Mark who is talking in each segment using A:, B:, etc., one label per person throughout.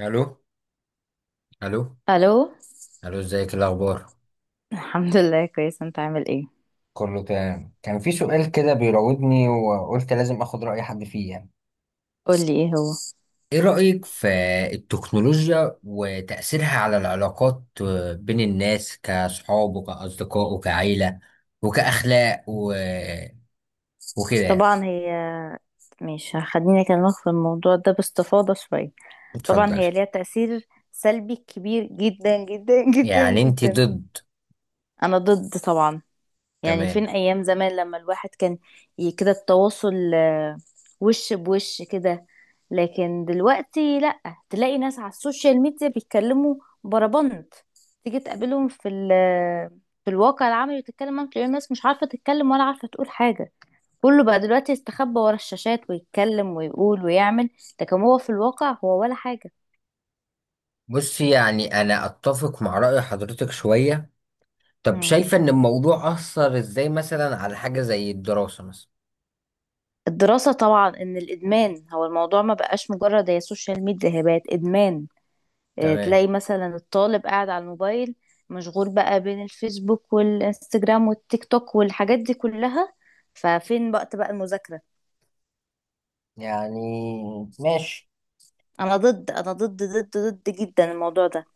A: الو، الو.
B: الو.
A: الو، ازيك، إيه الاخبار؟
B: الحمد لله، كويس. انت عامل ايه؟
A: كله تمام. كان في سؤال كده بيراودني وقلت لازم اخد رأي حد فيه يعني.
B: قولي ايه هو.
A: ايه رأيك في التكنولوجيا وتأثيرها على العلاقات بين الناس كصحاب وكأصدقاء وكعيلة وكأخلاق وكده يعني؟
B: طبعا هي مش خليني اكلمك في الموضوع ده باستفاضة شوية. طبعا
A: اتفضلي.
B: هي ليها تأثير سلبي كبير جدا جدا جدا
A: يعني انت
B: جدا.
A: ضد؟
B: انا ضد طبعا. يعني فين
A: تمام.
B: ايام زمان لما الواحد كان كده، التواصل وش بوش كده. لكن دلوقتي لا، تلاقي ناس على السوشيال ميديا بيتكلموا بربنت، تيجي تقابلهم في ال آه، في الواقع العملي وتتكلم معاهم تلاقي الناس مش عارفة تتكلم ولا عارفة تقول حاجة. كله بقى دلوقتي يستخبى ورا الشاشات ويتكلم ويقول ويعمل، لكن هو في الواقع هو ولا حاجة.
A: بصي، يعني انا اتفق مع رأي حضرتك شوية. طب
B: مم.
A: شايفة ان الموضوع أثر ازاي مثلا على حاجة زي الدراسة مثلا؟
B: الدراسة، طبعا ان الادمان، هو الموضوع ما بقاش مجرد هي سوشيال ميديا، هي بقت ادمان.
A: تمام.
B: تلاقي مثلا الطالب قاعد على الموبايل، مشغول بقى بين الفيسبوك والانستجرام والتيك توك والحاجات دي كلها. ففين وقت بقى المذاكرة؟
A: يعني ماشي.
B: انا ضد، انا ضد ضد ضد جدا الموضوع ده.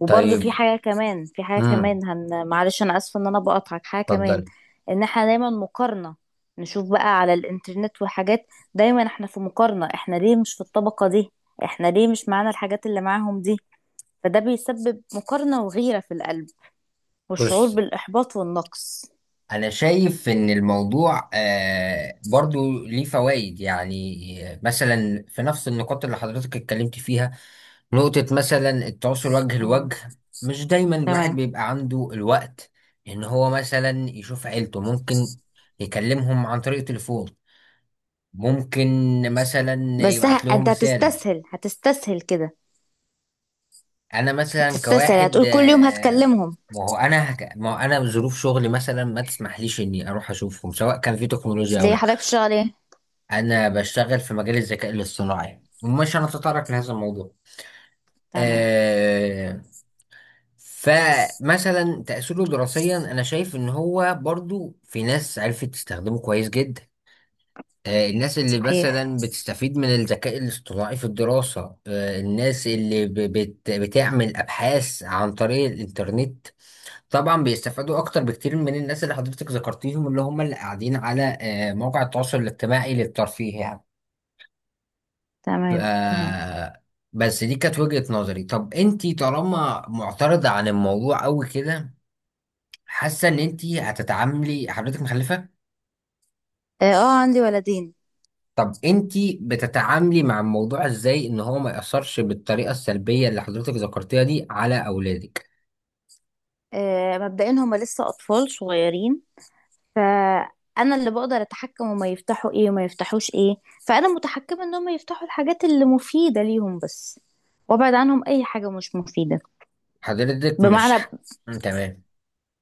B: وبرضه في
A: طيب،
B: حاجة كمان، في حاجة
A: امم
B: كمان، معلش انا اسفة ان انا بقطعك، حاجة كمان.
A: اتفضل.
B: ان احنا دايما مقارنة، نشوف بقى على الانترنت وحاجات، دايما احنا في مقارنة، احنا ليه مش في الطبقة دي، احنا ليه مش معانا الحاجات اللي معاهم دي. فده بيسبب مقارنة وغيرة في القلب والشعور
A: بص،
B: بالإحباط والنقص.
A: انا شايف ان الموضوع برضو ليه فوائد، يعني مثلا في نفس النقاط اللي حضرتك اتكلمت فيها. نقطة مثلا التواصل وجه
B: مم.
A: لوجه، مش دايما الواحد
B: تمام.
A: بيبقى عنده الوقت ان هو مثلا يشوف عيلته. ممكن يكلمهم عن طريق تليفون، ممكن مثلا
B: بس
A: يبعت لهم
B: أنت
A: رسالة.
B: هتستسهل كده،
A: انا مثلا
B: هتستسهل
A: كواحد
B: هتقول كل يوم هتكلمهم.
A: ما هو انا ظروف شغلي مثلا ما تسمحليش اني اروح اشوفهم، سواء كان في تكنولوجيا او
B: ليه
A: لا.
B: حضرتك بتشتغل إيه؟
A: انا بشتغل في مجال الذكاء الاصطناعي، ومش هنتطرق لهذا الموضوع.
B: تمام.
A: أه... فمثلا تأثيره دراسيا، انا شايف ان هو برضو في ناس عرفت تستخدمه كويس جدا. الناس اللي
B: صحيح.
A: مثلا بتستفيد من الذكاء الاصطناعي في الدراسة، الناس اللي بتعمل أبحاث عن طريق الإنترنت، طبعا بيستفادوا اكتر بكتير من الناس اللي حضرتك ذكرتيهم، اللي هم اللي قاعدين على مواقع التواصل الاجتماعي للترفيه يعني. ف-
B: تمام، تمام.
A: آه، بس دي كانت وجهة نظري. طب انتي طالما معترضة عن الموضوع قوي كده، حاسة ان انتي هتتعاملي، حضرتك مخلفة؟
B: اه، عندي ولدين.
A: طب انتي بتتعاملي مع الموضوع ازاي ان هو ما يأثرش بالطريقة السلبية اللي حضرتك ذكرتيها دي على اولادك؟
B: مبدئيا هما لسه أطفال صغيرين. فأنا اللي بقدر أتحكم هما يفتحوا إيه وما يفتحوش إيه. فأنا متحكمة إن هما يفتحوا الحاجات اللي مفيدة ليهم بس، وأبعد عنهم أي حاجة مش مفيدة.
A: حضرتك مش
B: بمعنى
A: ح- تمام.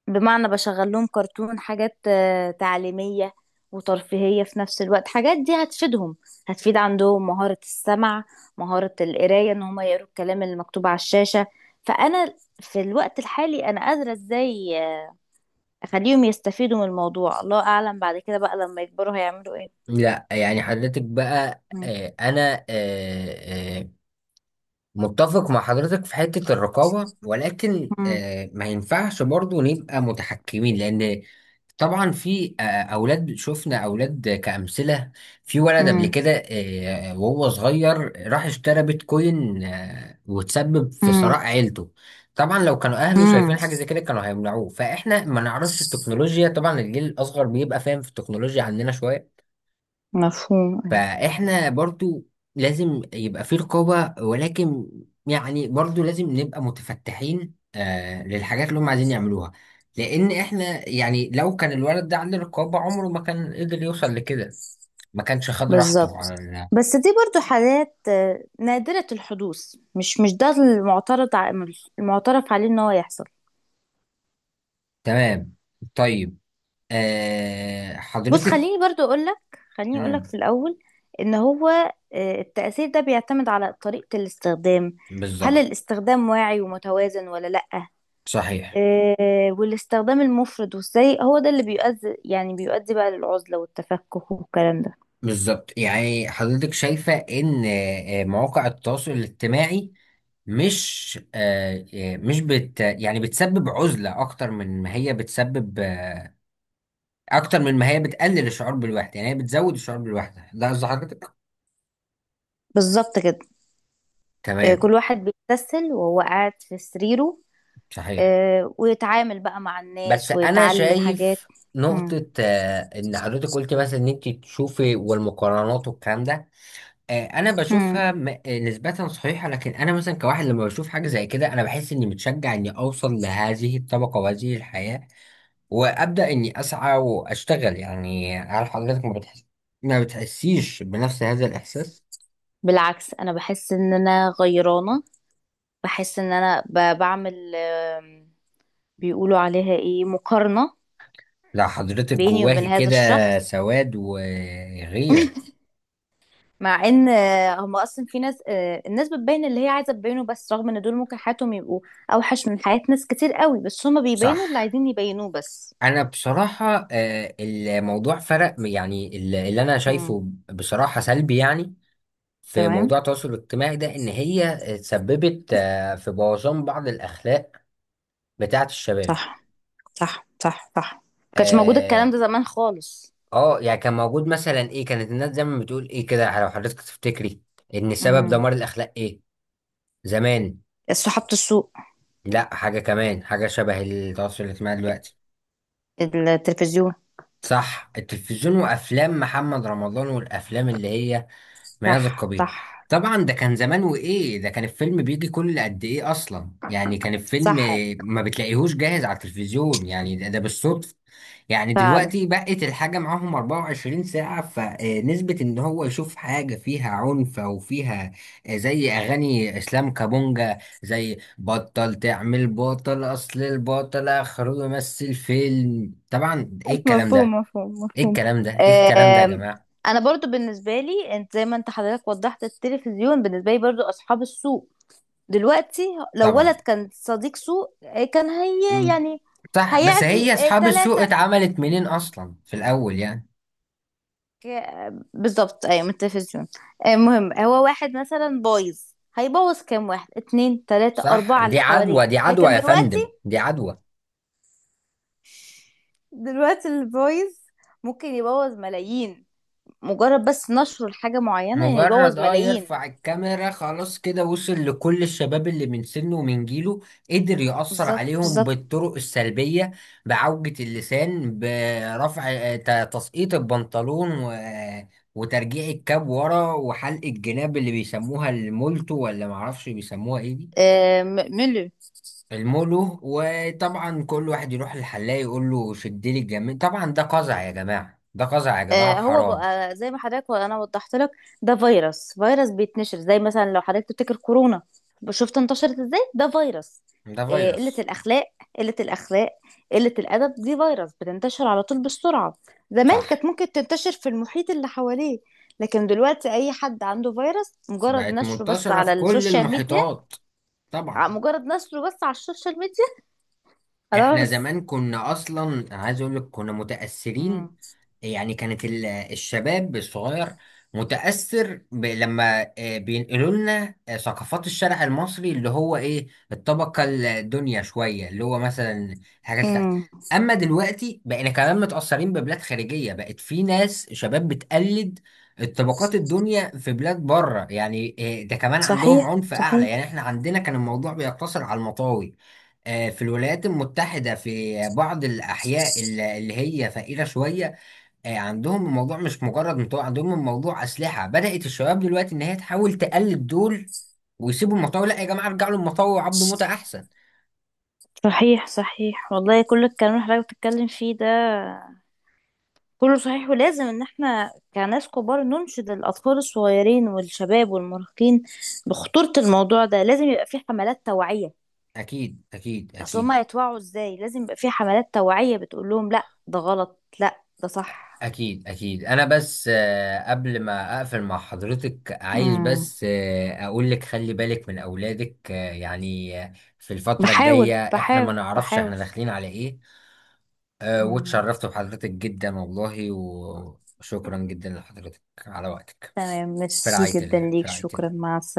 B: بمعنى بشغل لهم كرتون، حاجات تعليمية وترفيهية في نفس الوقت، حاجات دي هتفيدهم، هتفيد عندهم مهارة السمع، مهارة القراية ان هما يقروا الكلام اللي مكتوب على الشاشة. فأنا في الوقت الحالي أنا قادرة ازاي أخليهم يستفيدوا من الموضوع. الله أعلم بعد كده بقى لما يكبروا هيعملوا ايه.
A: لا يعني حضرتك بقى،
B: مم.
A: آه، انا آه، آه، متفق مع حضرتك في حتة الرقابة، ولكن
B: مم.
A: ما ينفعش برضو نبقى متحكمين، لأن طبعا في أولاد، شفنا أولاد كأمثلة. في ولد قبل
B: مم.
A: كده وهو صغير راح اشترى بيتكوين وتسبب في ثراء عيلته. طبعا لو كانوا أهله شايفين
B: مم.
A: حاجة زي كده كانوا هيمنعوه، فإحنا ما نعرفش التكنولوجيا. طبعا الجيل الأصغر بيبقى فاهم في التكنولوجيا عننا شوية.
B: مفهوم.
A: فاحنا برضو لازم يبقى في رقابة، ولكن يعني برضو لازم نبقى متفتحين آه للحاجات اللي هم عايزين يعملوها، لان احنا يعني لو كان الولد ده عنده رقابة عمره ما كان قدر يوصل لكده. ما كانش خد راحته
B: بالظبط.
A: على ال-
B: بس دي برضو حالات نادرة الحدوث، مش ده المعترف عليه ان هو يحصل.
A: تمام. طيب، آه
B: بص،
A: حضرتك،
B: خليني اقولك
A: مم،
B: في الاول، ان هو التأثير ده بيعتمد على طريقة الاستخدام. هل
A: بالظبط،
B: الاستخدام واعي ومتوازن ولا لأ؟
A: صحيح.
B: آه، والاستخدام المفرط والسيء هو ده اللي بيؤدي، يعني بيؤدي بقى للعزلة والتفكك والكلام ده.
A: بالظبط، يعني حضرتك شايفة إن مواقع التواصل الاجتماعي مش آه، آه، مش بت يعني بتسبب عزلة أكتر من ما هي بتسبب أكتر من ما هي بتقلل الشعور بالوحدة، يعني هي بتزود الشعور بالوحدة، ده قصد حضرتك؟
B: بالظبط كده. كل
A: تمام.
B: واحد بيتسل وهو قاعد في سريره،
A: صحيح.
B: ويتعامل بقى مع
A: بس
B: الناس
A: أنا
B: ويتعلم حاجات.
A: شايف
B: مم.
A: نقطة، إن حضرتك قلت مثلا إن أنت تشوفي، والمقارنات والكلام ده انا بشوفها
B: مم.
A: نسبة صحيحة، لكن انا مثلا كواحد لما بشوف حاجة زي كده انا بحس اني متشجع اني اوصل لهذه الطبقة وهذه الحياة، وابدأ اني اسعى واشتغل. يعني هل حضرتك ما بتحس، ما بتحسيش بنفس هذا الاحساس؟
B: بالعكس انا بحس ان انا غيرانة، بحس ان انا بعمل، بيقولوا عليها ايه، مقارنة
A: لا حضرتك
B: بيني وبين
A: جواهي
B: هذا
A: كده
B: الشخص.
A: سواد وغيرة.
B: مع ان هم اصلا في ناس آه، الناس بتبين اللي هي عايزة تبينه بس، رغم ان دول ممكن حياتهم يبقوا اوحش من حياة ناس كتير قوي، بس هم
A: صح.
B: بيبينوا اللي عايزين يبينوه بس.
A: انا بصراحة الموضوع فرق، يعني اللي انا
B: مم.
A: شايفه بصراحة سلبي، يعني في موضوع
B: تمام.
A: التواصل الاجتماعي ده، ان هي تسببت في بوظان بعض الاخلاق بتاعه الشباب.
B: صح، صح، صح، صح. ما كانش موجود
A: اه
B: الكلام ده زمان خالص.
A: يعني كان موجود مثلا ايه، كانت الناس زمان بتقول ايه كده لو حضرتك تفتكري ان سبب دمار الاخلاق ايه زمان؟
B: صحافة السوق.
A: لا، حاجه كمان، حاجه شبه التواصل الاجتماعي دلوقتي.
B: التلفزيون.
A: صح، التلفزيون وافلام محمد رمضان والافلام اللي هي مياذ
B: صح،
A: القبيل.
B: صح،
A: طبعا ده كان زمان، وايه ده كان الفيلم بيجي كل قد ايه اصلا، يعني كان الفيلم
B: صح،
A: ما بتلاقيهوش جاهز على التلفزيون، يعني ده, ده بالصدفة. يعني
B: فعلا.
A: دلوقتي بقت الحاجة معاهم 24 ساعة، فنسبة ان هو يشوف حاجة فيها عنف او فيها زي اغاني اسلام كابونجا، زي بطل تعمل بطل، اصل البطل اخره يمثل فيلم. طبعا ايه الكلام
B: مفهوم،
A: ده،
B: مفهوم،
A: ايه
B: مفهوم.
A: الكلام ده، ايه الكلام ده يا
B: آم،
A: جماعة؟
B: انا برضو بالنسبه لي، انت زي ما انت حضرتك وضحت، التلفزيون بالنسبه لي برضو اصحاب السوق دلوقتي. لو
A: طبعا.
B: ولد كان صديق سوق كان هي يعني
A: صح، بس
B: هيعدي
A: هي اصحاب السوق
B: ثلاثة.
A: اتعملت منين اصلا في الاول يعني؟
B: بالظبط، ايوه، من التلفزيون. المهم هو واحد مثلا بايظ، هيبوظ كام واحد، اتنين، تلاتة،
A: صح،
B: أربعة
A: دي
B: اللي حواليه.
A: عدوى، دي عدوى
B: لكن
A: يا فندم،
B: دلوقتي،
A: دي عدوى.
B: دلوقتي الفويس ممكن يبوظ ملايين، مجرد بس نشر حاجة معينة
A: مجرد
B: يبوظ
A: اه
B: ملايين.
A: يرفع الكاميرا، خلاص كده وصل لكل الشباب اللي من سنه ومن جيله، قدر يأثر
B: بالظبط،
A: عليهم
B: بالظبط.
A: بالطرق السلبية. بعوجة اللسان، برفع تسقيط البنطلون و... آه، وترجيع الكاب ورا، وحلق الجناب اللي بيسموها المولتو ولا معرفش بيسموها ايه دي،
B: ميلر.
A: المولو. وطبعا كل واحد يروح للحلاق يقول له شد لي الجميل، طبعا ده قزع يا جماعة، ده قزع يا جماعة
B: هو
A: وحرام.
B: بقى زي ما حضرتك وانا وضحت لك، ده فيروس، فيروس بيتنشر، زي مثلا لو حضرتك تفتكر كورونا، شفت انتشرت ازاي؟ ده فيروس.
A: ده
B: قلة
A: فيروس.
B: الأخلاق، قلة الأخلاق، قلة الأدب دي فيروس بتنتشر على طول بسرعة. زمان كانت
A: صح،
B: ممكن تنتشر في المحيط اللي حواليه، لكن دلوقتي أي حد عنده فيروس مجرد
A: بقت
B: نشره بس
A: منتشرة
B: على
A: في كل
B: السوشيال ميديا.
A: المحيطات.
B: ع-
A: طبعا.
B: مجرد نشره بس على السوشيال ميديا
A: احنا
B: خلاص.
A: زمان كنا اصلا، عايز اقول لك كنا
B: امم،
A: متأثرين، يعني كانت الشباب الصغير متأثر لما بينقلوا لنا ثقافات الشارع المصري، اللي هو ايه، الطبقة الدنيا شوية، اللي هو مثلا الحاجات اللي تحت.
B: امم.
A: اما دلوقتي بقينا كمان متأثرين ببلاد خارجية، بقت في ناس شباب بتقلد الطبقات الدنيا في بلاد بره يعني. ده كمان عندهم
B: صحيح،
A: عنف اعلى،
B: صحيح،
A: يعني احنا عندنا كان الموضوع بيقتصر على المطاوي. في الولايات المتحدة في بعض الأحياء اللي هي فقيرة شوية عندهم الموضوع مش مجرد مطوع، عندهم الموضوع أسلحة. بدأت الشباب دلوقتي إن هي تحاول تقلد دول ويسيبوا المطاوع. لا يا جماعة، ارجعوا للمطاوع وعبدوا موتة أحسن.
B: صحيح، صحيح، والله كل الكلام اللي حضرتك بتتكلم فيه ده كله صحيح. ولازم ان احنا كناس كبار ننشد الاطفال الصغيرين والشباب والمراهقين بخطورة الموضوع ده، لازم يبقى في حملات توعية.
A: أكيد أكيد
B: اصل
A: أكيد.
B: هما يتوعوا ازاي؟ لازم يبقى في حملات توعية بتقول لهم لا، ده غلط، لا، ده صح.
A: أكيد أكيد. أنا بس قبل ما أقفل مع حضرتك عايز
B: امم.
A: بس أقول لك خلي بالك من أولادك في الفترة
B: بحاول،
A: الجاية، إحنا ما
B: بحاول،
A: نعرفش إحنا
B: بحاول.
A: داخلين على إيه.
B: امم.
A: واتشرفت بحضرتك جدا والله، وشكرا جدا لحضرتك على وقتك.
B: تمام،
A: في
B: ميرسي
A: رعاية
B: جدا
A: الله، في
B: ليك،
A: رعاية
B: شكرا،
A: الله.
B: مع السلامة.